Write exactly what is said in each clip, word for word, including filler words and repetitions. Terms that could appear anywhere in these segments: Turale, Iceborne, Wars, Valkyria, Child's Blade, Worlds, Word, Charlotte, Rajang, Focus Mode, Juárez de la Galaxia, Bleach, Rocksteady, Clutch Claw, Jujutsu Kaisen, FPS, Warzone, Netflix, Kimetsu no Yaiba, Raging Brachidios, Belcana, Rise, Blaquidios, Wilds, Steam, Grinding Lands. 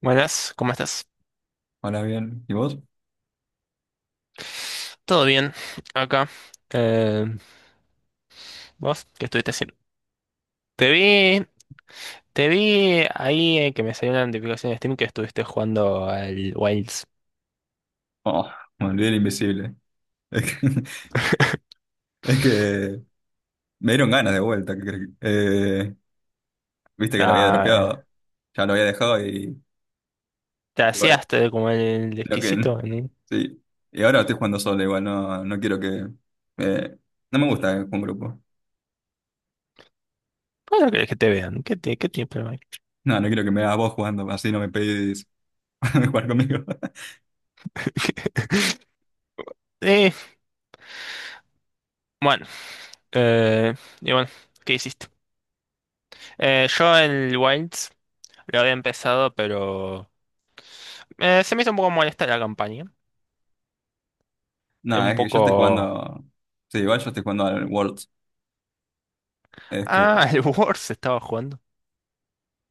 Buenas, ¿cómo estás? Hola, bien. ¿Y vos? Todo bien, acá. Eh, ¿vos qué estuviste haciendo? Te vi, te vi ahí eh, que me salió una notificación de Steam que estuviste jugando al Wilds. Oh, me olvidé del invisible. Es que, es que me dieron ganas de vuelta. ¿Qué crees? Eh, viste que lo había Ah, dropeado. Ya lo había dejado y, te y bueno, hacías te- como el lo que... exquisito, ¿no? Sí. Y ahora estoy jugando solo igual. No, no quiero que... eh, no me gusta jugar en grupo. ¿Cómo no querés que te vean? ¿Qué, te, qué tiene problema hay? No, no quiero que me hagas vos jugando. Así no me pedís jugar conmigo. Eh, bueno, eh, y bueno, ¿qué hiciste? Eh, yo el Wilds lo había empezado, pero eh, se me hizo un poco molesta la campaña. Es No, un es que yo estoy poco... jugando... Sí, igual yo estoy jugando al Worlds. Es Ah, que... el Wars estaba jugando.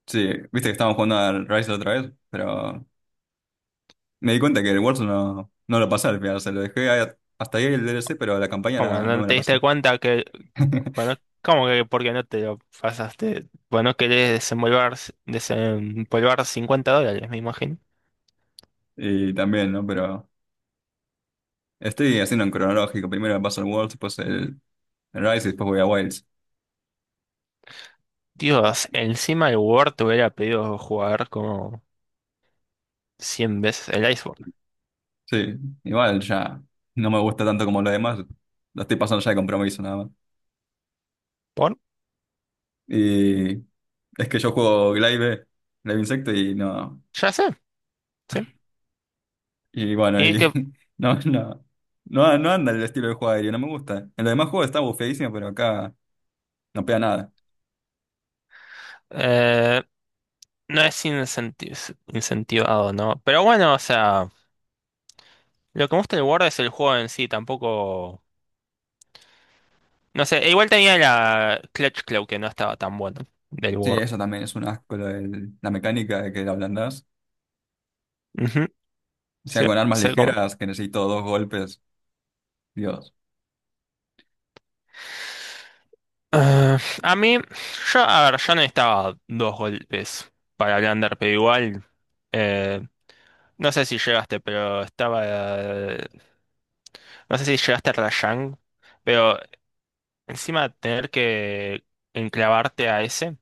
Sí, viste que estábamos jugando al Rise otra vez, pero... Me di cuenta que el Warzone no, no lo pasé al final, o sea, lo dejé a- hasta ahí el D L C, pero la campaña ¿Cómo? la- no ¿No me la te diste pasé. cuenta que, bueno, cómo que por qué no te lo pasaste? Bueno, querés desenvolver, desempolvar cincuenta dólares, me imagino. Y también, ¿no? Pero estoy haciendo en cronológico. Primero me paso el Worlds, después el el Rise y después voy a Wilds. Dios, encima el Word te hubiera pedido jugar como cien veces el Iceborne. Sí, igual ya no me gusta tanto como lo demás. Lo estoy pasando ya de compromiso nada más. ¿Por? Y es que yo juego Glaive, Glaive Insecto y no. Ya sé, sí. Y bueno, Y y que no, no. No, no anda el estilo de juego aéreo, no me gusta. En los demás juegos está bufeadísimo, pero acá no pega nada. eh, no es incenti- incentivado, ¿no? Pero bueno, o sea, lo que me gusta del Word es el juego en sí, tampoco... No sé, igual tenía la Clutch Claw que no estaba tan bueno del Sí, Word. eso también es un asco, lo del- la mecánica de que la ablandás. Ujú, O sea, sí, con armas sé cómo. ligeras que necesito dos golpes. Dios. Ah, a mí, yo, a ver, yo necesitaba dos golpes para el under, pero igual, eh, no sé si llegaste, pero estaba, eh, no sé si llegaste a Rajang, pero encima tener que enclavarte a ese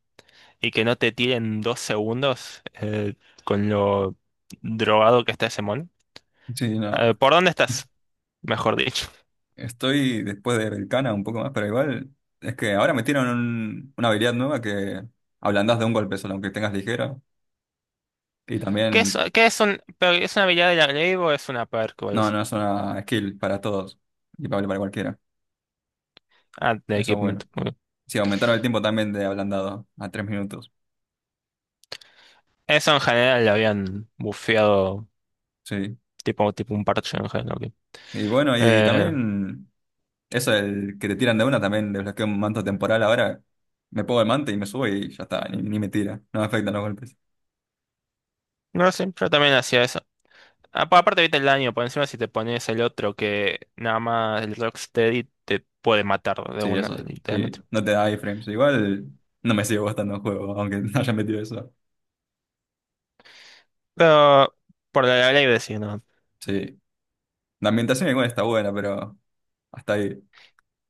y que no te tiren dos segundos eh, con lo drogado que está ese mono. Sí, Eh, no. ¿Por dónde estás? Mejor dicho. Estoy después de Belcana un poco más, pero igual es que ahora metieron un- una habilidad nueva que ablandás de un golpe solo, aunque tengas ligera. Y ¿Qué es, también, qué es un, pero es una habilidad de la Glaive o es una perk o algo no, así? no es una skill para todos y para, para cualquiera. Ah, de Eso es equipment. bueno. OK. Sí, aumentaron el tiempo también de ablandado a tres minutos. Eso en general lo habían bufeado Sí. tipo, tipo un parche en general. OK. Y bueno, y Eh, también. Eso, el que te tiran de una también desbloqueo un manto temporal ahora. Me pongo el manto y me subo y ya está, ni, ni me tira. No me afectan los golpes. no sé, yo también hacía eso. Apa- Aparte, viste el daño por encima si te pones el otro que nada más el Rocksteady te puede matar de Sí, una, eso, literalmente. sí. No te da iframes. Igual no me sigue gustando el juego, aunque no haya metido eso. Pero por la ley decir, ¿no? Sí. La ambientación igual está buena, pero hasta ahí.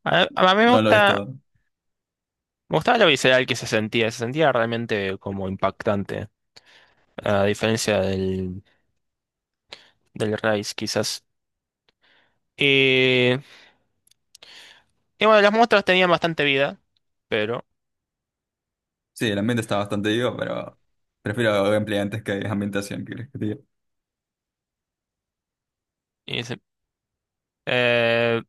A, a mí me No lo es gusta, todo. me gustaba lo visceral que se sentía, se sentía realmente como impactante, a diferencia del, del Rise quizás. Y, y bueno, las muestras tenían bastante vida, pero... Sí, el ambiente está bastante vivo, pero prefiero gameplay antes que ambientación, ¿qué crees que te diga? y se- eh,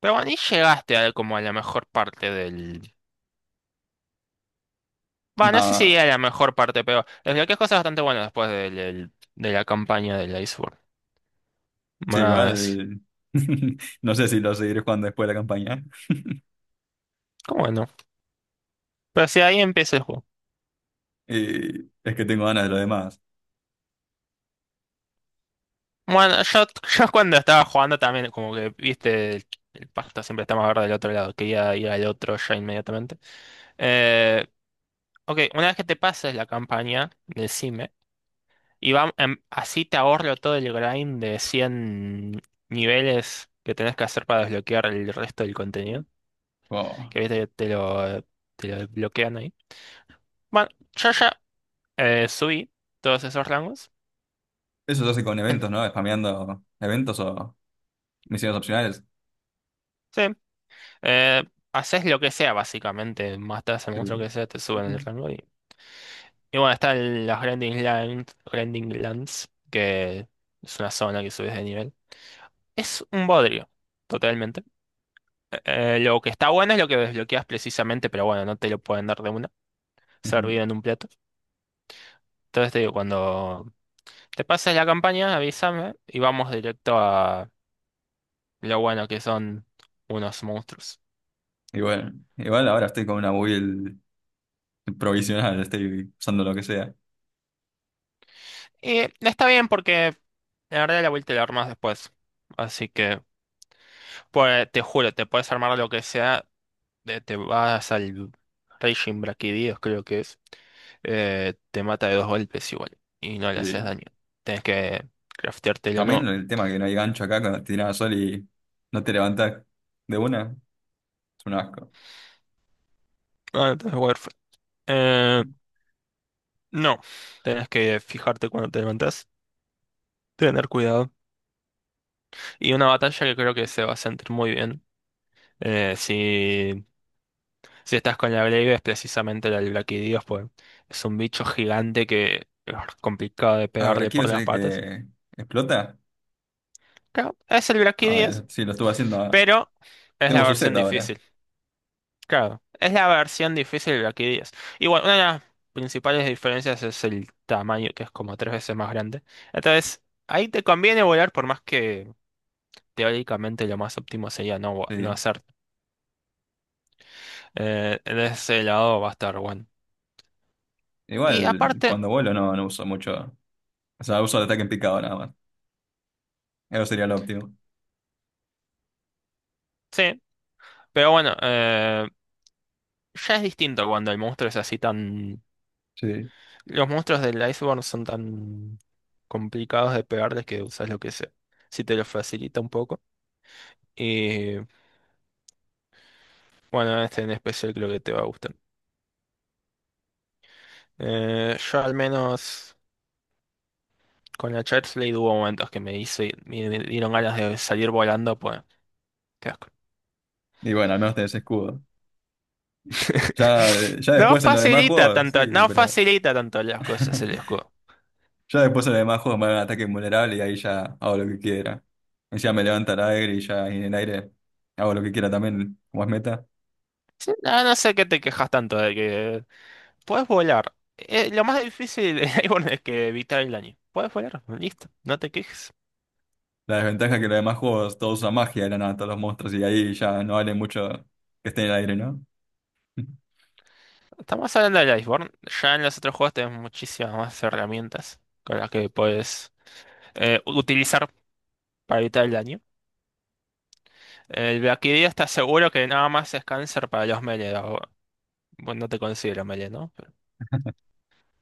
Pero bueno, y llegaste a, como a la mejor parte del... Bueno, no sé si No, a la mejor parte, pero desbloqueas cosas bastante buenas después del, del- de la campaña del Iceborne. sí, Más... igual. No sé si lo seguiré jugando después de la campaña. ¿Cómo no? Pero si ahí empieza el juego. Y es que tengo ganas de lo demás. Bueno, yo, yo cuando estaba jugando también, como que, viste, el, el pasto siempre está más verde del otro lado. Quería ir al otro ya inmediatamente. Eh, OK, una vez que te pases la campaña, decime. Y va, em, así te ahorro todo el grind de cien niveles que tenés que hacer para desbloquear el resto del contenido. Wow. Que viste que te lo, te lo bloquean ahí. Bueno, yo ya eh, subí todos esos rangos. Eso yo sé con En- eventos, ¿no? Spameando eventos o misiones opcionales. Sí. eh, Haces lo que sea, básicamente. Matas al monstruo Sí. que sea, te suben el rango. Y, y bueno, están las Grinding Lands, Grinding Lands, que es una zona que subes de nivel. Es un bodrio, totalmente. Eh, lo que está bueno es lo que desbloqueas precisamente, pero bueno, no te lo pueden dar de una, Ujú. servido en un plato. Entonces te digo, cuando te pases la campaña, avísame y vamos directo a lo bueno que son unos monstruos. Igual, igual ahora estoy con una build provisional, estoy usando lo que sea. Y está bien porque la verdad la vuelta la armas después. Así que, pues, te juro, te puedes armar lo que sea, eh, te vas al Raging Brachidios, creo que es, eh, te mata de dos golpes igual y no le haces Sí. daño. Tienes que crafteártelo También nuevo. el tema que no hay gancho acá cuando te tirás sol y no te levantás de una, es un asco. Ah, entonces, bueno, Eh, no, tenés que fijarte cuando te levantás, tener cuidado. Y una batalla que creo que se va a sentir muy bien. Eh, si, si estás con la Glaive, es precisamente la del Blaquidios, pues es un bicho gigante que es complicado de Ah, pero pegarle aquí por es las el patas. que explota. Claro, es el Ah, Blaquidios, sí, lo estuve haciendo. pero es Tengo la su set versión ahora. difícil. Claro, es la versión difícil del Blaquidios. Y bueno, una de las principales diferencias es el tamaño, que es como tres veces más grande. Entonces, ahí te conviene volar por más que teóricamente lo más óptimo sería no, gua- no Sí. hacer. Eh, de ese lado va a estar bueno. Y Igual aparte, cuando vuelo no, no uso mucho. O sea, uso el ataque en picado nada más. Eso sería lo óptimo. sí, pero bueno, eh, ya es distinto cuando el monstruo es así tan... Sí. Los monstruos del Iceborne son tan complicados de pegarles que usas lo que sea. Si te lo facilita un poco. Y bueno, este en especial creo que te va a gustar. Eh, yo al menos con la Child's Blade hubo momentos que me hice, me dieron ganas de salir volando, pues. Qué asco. Y bueno, al menos tenés escudo. Ya, ya No después en los demás facilita juegos, sí, tanto, no pero facilita tanto las cosas el escudo. ya después en los demás juegos me dan ataque invulnerable y ahí ya hago lo que quiera. Encima me levanta el aire y ya en el aire hago lo que quiera también, como es meta. Sí, no, no sé qué te quejas tanto de que puedes volar. Eh, lo más difícil de Iceborne es que evitar el daño. Puedes volar, listo, no te quejes. La desventaja es que en los demás juegos todos usan magia de la nada, todos los monstruos, y ahí ya no vale mucho que esté en el aire, ¿no? Estamos hablando del Iceborne. Ya en los otros juegos tenés muchísimas más herramientas con las que puedes eh, utilizar para evitar el daño. El Valkyria está seguro que nada más es cáncer para los melee. o- Bueno, no te considero melee, ¿no?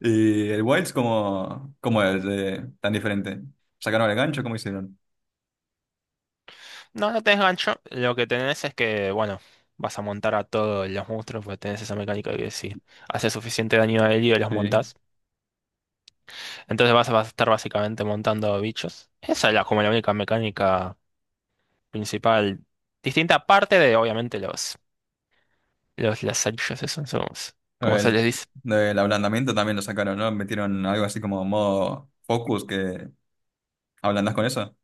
¿Y el Wilds cómo, cómo es eh, tan diferente? ¿Sacaron el gancho? ¿Cómo hicieron? No, no tenés gancho. Lo que tenés es que, bueno, vas a montar a todos los monstruos, pues tenés esa mecánica que si hace suficiente daño a herido los Sí. montás. Entonces vas a, vas a estar básicamente montando bichos. Esa es la, como la única mecánica principal. Distinta parte de, obviamente, los, los lazarillos, esos son ¿cómo se El, les dice? el ablandamiento también lo sacaron, ¿no? Metieron algo así como modo focus que ablandas con eso.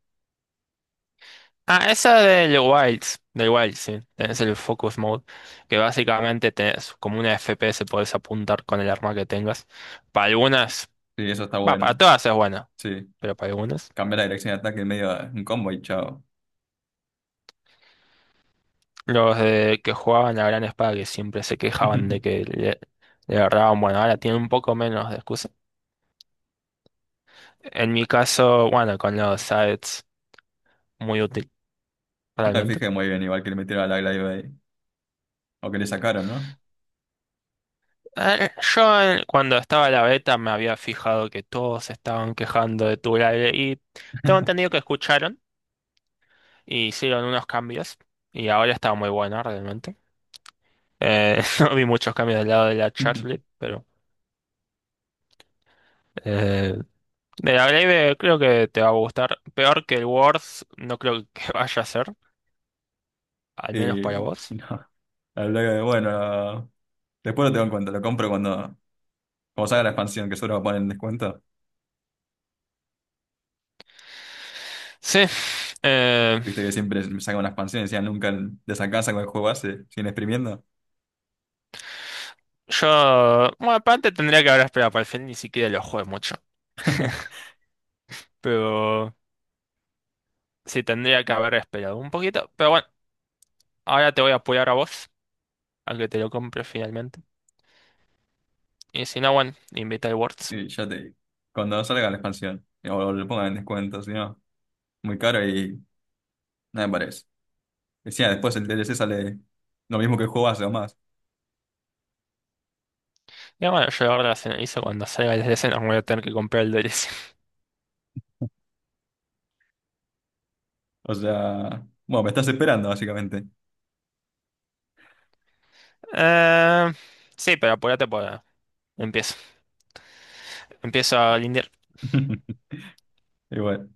Ah, esa del Wilds, del Wild, sí. Tenés el Focus Mode, que básicamente tenés como una F P S, podés apuntar con el arma que tengas. Para algunas, Sí, eso está va, para bueno. todas es buena, Sí, pero para algunas. cambia la dirección de ataque en medio de un combo y chao. Los de que jugaban la gran espada que siempre se quejaban de que le, le agarraban, bueno, ahora tienen un poco menos de excusa. En mi caso, bueno, con los sites, muy útil, No me realmente. fijé muy bien, igual que le metieron a la Glaive ahí. O que le sacaron, ¿no? Eh, Yo eh, cuando estaba la beta me había fijado que todos estaban quejando de Turale y tengo entendido que escucharon y hicieron unos cambios y ahora está muy bueno realmente. Eh, no vi muchos cambios del lado de la Charlotte, pero... eh, De la Blade creo que te va a gustar. Peor que el Words, no creo que vaya a ser, al menos Y para vos. no, la Glaive, bueno, después lo tengo en cuenta, lo compro cuando, cuando salga la expansión, que solo lo ponen en descuento. Sí, eh, Viste que siempre me sacan una expansión y decían nunca desacansa con el juego base, siguen exprimiendo. yo, bueno, aparte tendría que haber esperado para el final, ni siquiera lo jugué mucho. Pero sí, tendría que haber esperado un poquito. Pero bueno, ahora te voy a apoyar a vos, a que te lo compres finalmente. Y si no, bueno, invita al Words. Y ya te digo, cuando salga la expansión, o lo pongan en descuento, si no, muy caro y nada me parece. Decía, después el D L C sale lo mismo que el juego base o más. Y bueno, yo ahora hizo cuando salga el D L C, no voy a tener que comprar el D L C. O sea, bueno, me estás esperando, básicamente. Eh, sí, pero apúrate para... Empiezo. Empiezo a lindear. Igual.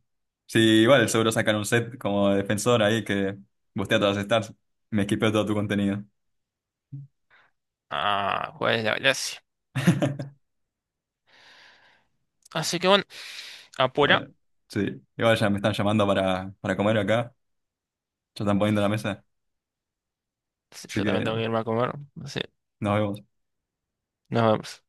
Sí, igual, seguro sacan un set como de defensor ahí que bustea todas las stars. Me esquipeo todo tu contenido. Ah, Juárez de la Galaxia. Así que bueno, apura. Bueno, sí. Igual ya me están llamando para, para comer acá. Ya están poniendo la mesa. Sí, Así yo también que tengo que irme a comer. Así, nos vemos. nos vemos.